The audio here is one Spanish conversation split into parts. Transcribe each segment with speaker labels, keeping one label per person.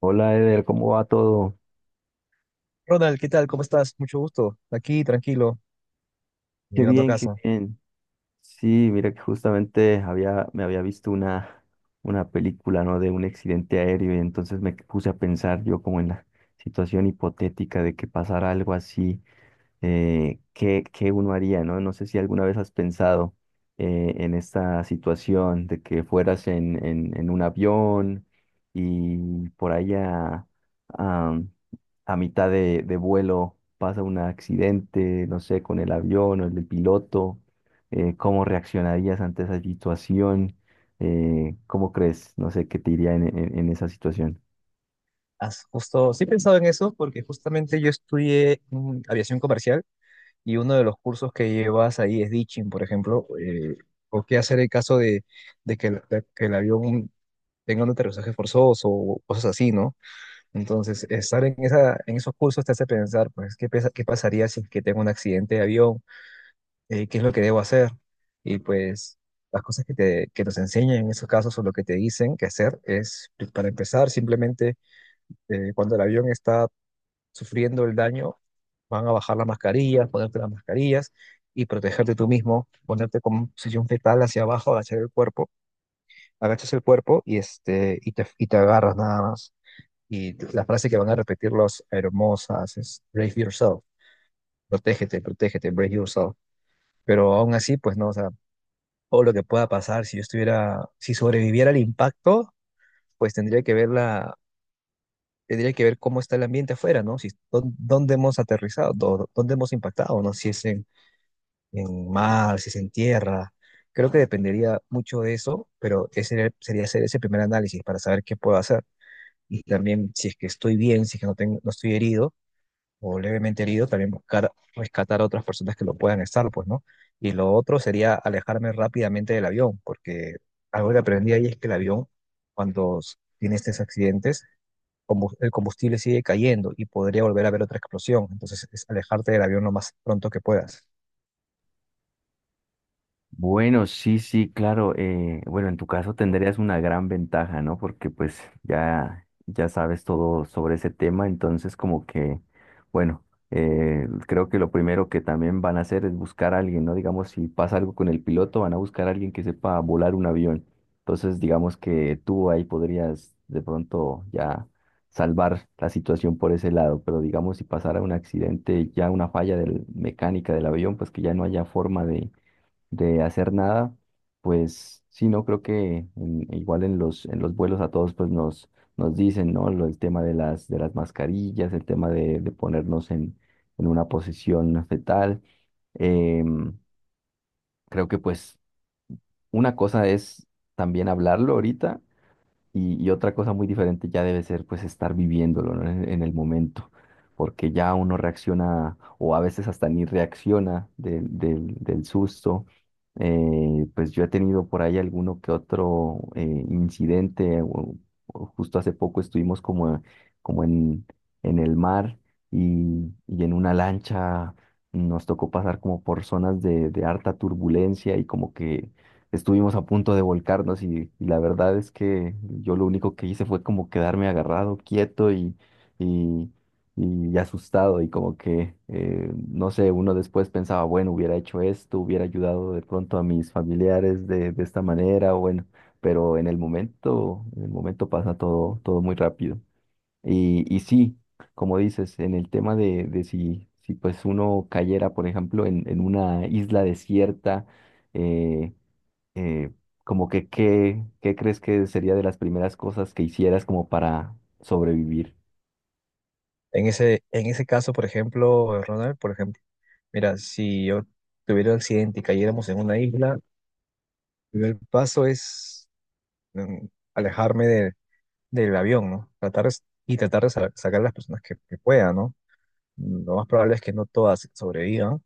Speaker 1: Hola Eder, ¿cómo va todo?
Speaker 2: Ronald, ¿qué tal? ¿Cómo estás? Mucho gusto. Aquí, tranquilo,
Speaker 1: Qué
Speaker 2: llegando a
Speaker 1: bien, qué
Speaker 2: casa.
Speaker 1: bien. Sí, mira que justamente me había visto una película, ¿no? De un accidente aéreo y entonces me puse a pensar yo como en la situación hipotética de que pasara algo así. ¿Qué uno haría, ¿no? No sé si alguna vez has pensado en esta situación de que fueras en un avión y por ahí a, a mitad de vuelo pasa un accidente, no sé, con el avión o el del piloto. ¿Cómo reaccionarías ante esa situación? ¿Cómo crees, no sé, qué te iría en esa situación?
Speaker 2: Has justo, sí he pensado en eso porque justamente yo estudié aviación comercial y uno de los cursos que llevas ahí es ditching, por ejemplo, o qué hacer en caso de que el avión tenga un aterrizaje forzoso o cosas así, ¿no? Entonces, estar en esa, en esos cursos te hace pensar, pues, ¿qué, qué pasaría si es que tengo un accidente de avión? Qué es lo que debo hacer. Y pues las cosas que nos enseñan en esos casos o lo que te dicen que hacer es, pues, para empezar, simplemente cuando el avión está sufriendo el daño, van a bajar las mascarillas, ponerte las mascarillas y protegerte tú mismo, ponerte con posición fetal hacia abajo, agachar el cuerpo, agachas el cuerpo y, este, y te agarras nada más. Y la frase que van a repetir los aeromosas es brave yourself, protégete, protégete, brave yourself. Pero aún así, pues no, o sea, o lo que pueda pasar si yo estuviera, si sobreviviera al impacto, pues tendría que ver la, tendría que ver cómo está el ambiente afuera, ¿no? Si, dónde hemos aterrizado, dónde hemos impactado, ¿no? Si es en mar, si es en tierra. Creo que dependería mucho de eso, pero ese sería hacer ese primer análisis para saber qué puedo hacer. Y también si es que estoy bien, si es que no tengo, no estoy herido o levemente herido, también buscar rescatar a otras personas que lo puedan estar, pues, ¿no? Y lo otro sería alejarme rápidamente del avión, porque algo que aprendí ahí es que el avión, cuando tiene estos accidentes, el combustible sigue cayendo y podría volver a haber otra explosión. Entonces, es alejarte del avión lo más pronto que puedas.
Speaker 1: Bueno, sí, sí, claro. Bueno, en tu caso tendrías una gran ventaja, ¿no? Porque pues ya sabes todo sobre ese tema, entonces como que, bueno, creo que lo primero que también van a hacer es buscar a alguien, ¿no? Digamos, si pasa algo con el piloto, van a buscar a alguien que sepa volar un avión. Entonces, digamos que tú ahí podrías de pronto ya salvar la situación por ese lado, pero digamos, si pasara un accidente, ya una falla del, mecánica del avión, pues que ya no haya forma de hacer nada. Pues sí, no creo que igual en en los vuelos a todos nos dicen, ¿no? El tema de de las mascarillas, el tema de ponernos en una posición fetal. Em, Creo que pues una cosa es también hablarlo ahorita y otra cosa muy diferente ya debe ser pues estar viviéndolo, ¿no? En el momento, porque ya uno reacciona o a veces hasta ni reacciona del susto. Pues yo he tenido por ahí alguno que otro incidente. O justo hace poco estuvimos como, como en, en el mar y en una lancha nos tocó pasar como por zonas de harta turbulencia, y como que estuvimos a punto de volcarnos. Y la verdad es que yo lo único que hice fue como quedarme agarrado, quieto y, y asustado, y como que, no sé, uno después pensaba, bueno, hubiera hecho esto, hubiera ayudado de pronto a mis familiares de esta manera, bueno, pero en el momento pasa todo, todo muy rápido. Y sí, como dices, en el tema de si, si pues uno cayera, por ejemplo, en una isla desierta, eh, eh, como que ¿qué crees que sería de las primeras cosas que hicieras como para sobrevivir?
Speaker 2: En ese caso, por ejemplo, Ronald, por ejemplo, mira, si yo tuviera un accidente y cayéramos en una isla, el primer paso es mm, alejarme de del avión, ¿no? Y tratar de sacar las personas que pueda, ¿no? Lo más probable es que no todas sobrevivan,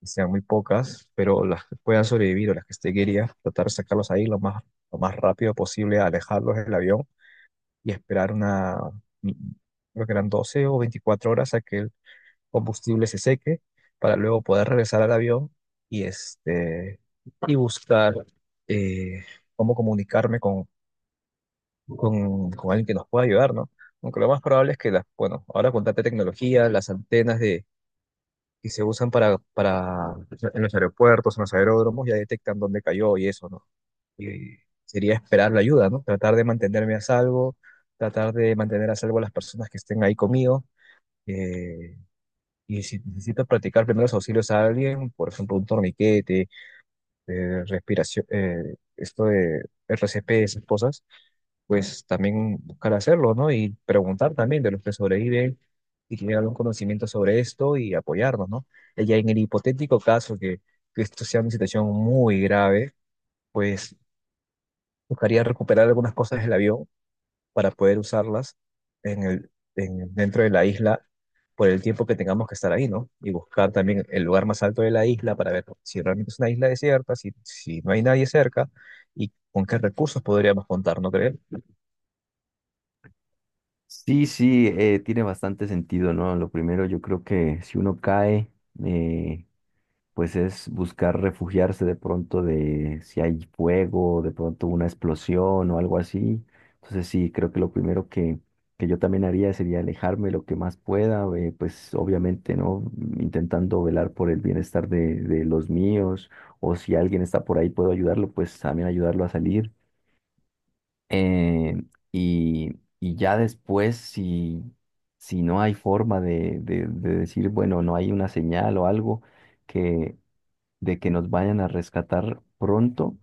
Speaker 2: que sean muy pocas, pero las que puedan sobrevivir o las que esté quería, tratar de sacarlos ahí lo más rápido posible, alejarlos del avión y esperar una, mi- creo que eran 12 o 24 horas a que el combustible se seque para luego poder regresar al avión y, este, y buscar eh, cómo comunicarme con alguien que nos pueda ayudar, ¿no? Aunque lo más probable es que, las, bueno, ahora con tanta tecnología, las antenas de, que se usan para en los aeropuertos, en los aeródromos, ya detectan dónde cayó y eso, ¿no? Y sería esperar la ayuda, ¿no? Tratar de mantenerme a salvo, tratar de mantener a salvo a las personas que estén ahí conmigo. eh, y si necesito practicar primeros auxilios a alguien, por ejemplo, un torniquete, de respiración, esto de RCP, y esas cosas, pues también buscar hacerlo, ¿no? Y preguntar también de los que sobreviven y que tienen algún conocimiento sobre esto y apoyarnos, ¿no? Y ya en el hipotético caso que esto sea una situación muy grave, pues buscaría recuperar algunas cosas del avión para poder usarlas en dentro de la isla por el tiempo que tengamos que estar ahí, ¿no? Y buscar también el lugar más alto de la isla para ver si realmente es una isla desierta, si, si no hay nadie cerca y con qué recursos podríamos contar, ¿no creen?
Speaker 1: Sí, sí, tiene bastante sentido, ¿no? Lo primero, yo creo que si uno cae, eh, pues es buscar refugiarse de pronto de si hay fuego, de pronto una explosión o algo así. Entonces sí, creo que lo primero que yo también haría sería alejarme lo que más pueda, pues obviamente, ¿no? Intentando velar por el bienestar de los míos, o si alguien está por ahí puedo ayudarlo, pues también ayudarlo a salir. Eh, y, y ya después, si, si no hay forma de decir, bueno, no hay una señal o algo que, de que nos vayan a rescatar pronto,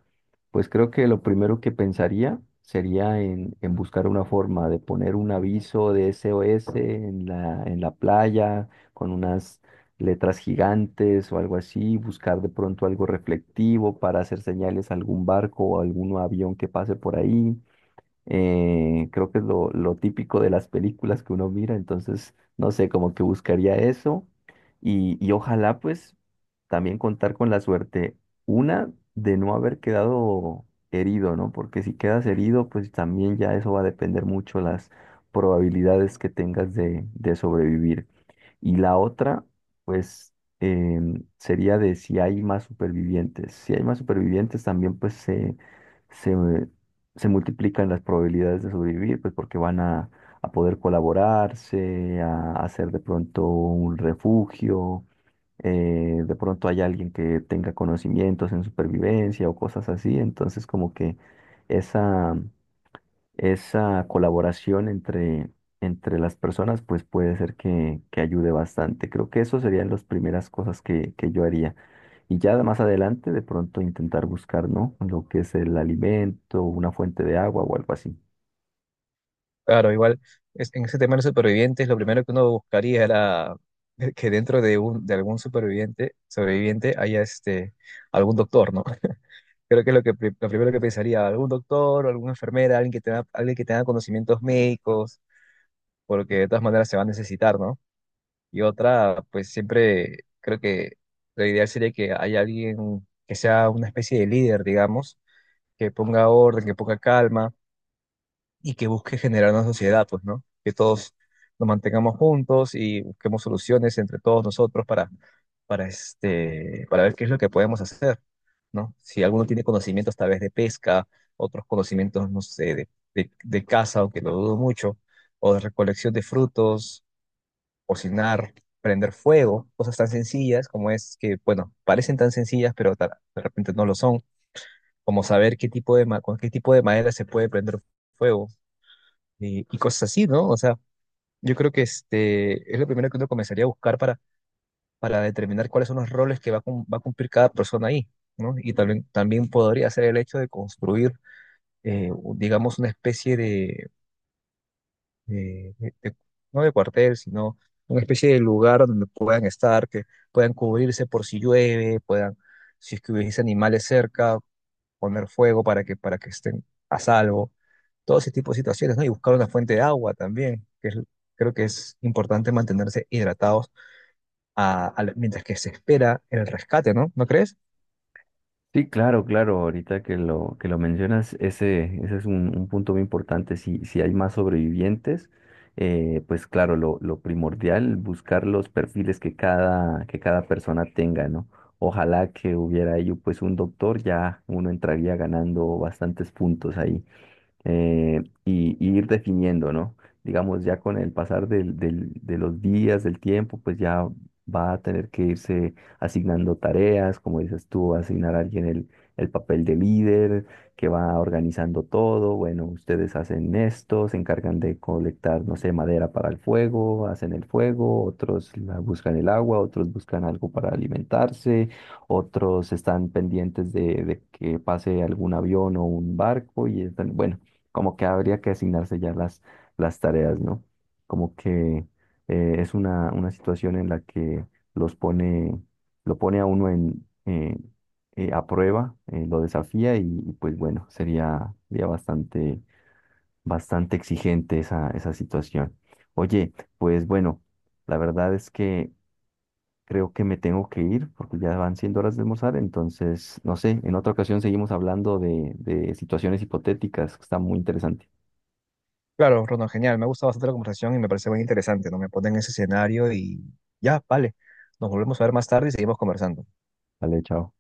Speaker 1: pues creo que lo primero que pensaría sería en buscar una forma de poner un aviso de SOS en en la playa con unas letras gigantes o algo así, buscar de pronto algo reflectivo para hacer señales a algún barco o algún avión que pase por ahí. Creo que es lo típico de las películas que uno mira, entonces, no sé, como que buscaría eso y ojalá pues también contar con la suerte, una, de no haber quedado herido, ¿no? Porque si quedas herido, pues también ya eso va a depender mucho las probabilidades que tengas de sobrevivir. Y la otra, pues, sería de si hay más supervivientes. Si hay más supervivientes, también se multiplican las probabilidades de sobrevivir, pues porque van a poder colaborarse, a hacer de pronto un refugio. De pronto hay alguien que tenga conocimientos en supervivencia o cosas así, entonces como que esa, esa colaboración entre las personas, pues puede ser que ayude bastante. Creo que eso serían las primeras cosas que yo haría. Y ya más adelante, de pronto intentar buscar, ¿no? Lo que es el alimento, una fuente de agua o algo así.
Speaker 2: Claro, igual en ese tema de los supervivientes, lo primero que uno buscaría era que dentro de algún superviviente, sobreviviente haya este, algún doctor, ¿no? Creo que es lo primero que pensaría, algún doctor, alguna enfermera, alguien que tenga conocimientos médicos, porque de todas maneras se va a necesitar, ¿no? Y otra, pues siempre creo que lo ideal sería que haya alguien que sea una especie de líder, digamos, que ponga orden, que ponga calma y que busque generar una sociedad, pues, ¿no? Que todos nos mantengamos juntos y busquemos soluciones entre todos nosotros para, este, para ver qué es lo que podemos hacer, ¿no? Si alguno tiene conocimientos tal vez de pesca, otros conocimientos, no sé, de caza, aunque lo dudo mucho, o de recolección de frutos cocinar, prender fuego, cosas tan sencillas como es que, bueno, parecen tan sencillas, pero de repente no lo son, como saber qué tipo con qué tipo de madera se puede prender fuego y cosas así, ¿no? O sea, yo creo que este es lo primero que uno comenzaría a buscar para determinar cuáles son los roles que va a cumplir cada persona ahí, ¿no? Y también, también podría ser el hecho de construir, eh, digamos, una especie de eh, de- de- no de cuartel, sino una especie de lugar donde puedan estar, que puedan cubrirse por si llueve, puedan, si es que hubiese animales cerca, poner fuego para que estén a salvo, todo ese tipo de situaciones, ¿no? Y buscar una fuente de agua también, que creo que es importante mantenerse hidratados a mientras que se espera el rescate, ¿no? ¿No crees?
Speaker 1: Sí, claro, claro. Ahorita que lo mencionas, ese es un punto muy importante. Si, si hay más sobrevivientes, pues claro, lo primordial, buscar los perfiles que cada persona tenga, ¿no? Ojalá que hubiera ahí pues un doctor, ya uno entraría ganando bastantes puntos ahí. Y ir definiendo, ¿no? Digamos, ya con el pasar de los días, del tiempo, pues ya va a tener que irse asignando tareas, como dices tú, va a asignar a alguien el papel de líder, que va organizando todo, bueno, ustedes hacen esto, se encargan de colectar, no sé, madera para el fuego, hacen el fuego, otros buscan el agua, otros buscan algo para alimentarse, otros están pendientes de que pase algún avión o un barco y están, bueno, como que habría que asignarse ya las tareas, ¿no? Como que es una situación en la que los pone, lo pone a uno en, a prueba, lo desafía. Y pues bueno, sería, sería bastante, bastante exigente esa, esa situación. Oye, pues bueno, la verdad es que creo que me tengo que ir porque ya van siendo horas de almorzar, entonces, no sé, en otra ocasión seguimos hablando de situaciones hipotéticas, que está muy interesante.
Speaker 2: Claro, Ronald, genial, me ha gustado bastante la conversación y me parece muy interesante, ¿no? Me ponen en ese escenario y ya, vale, nos volvemos a ver más tarde y seguimos conversando.
Speaker 1: Vale, chao.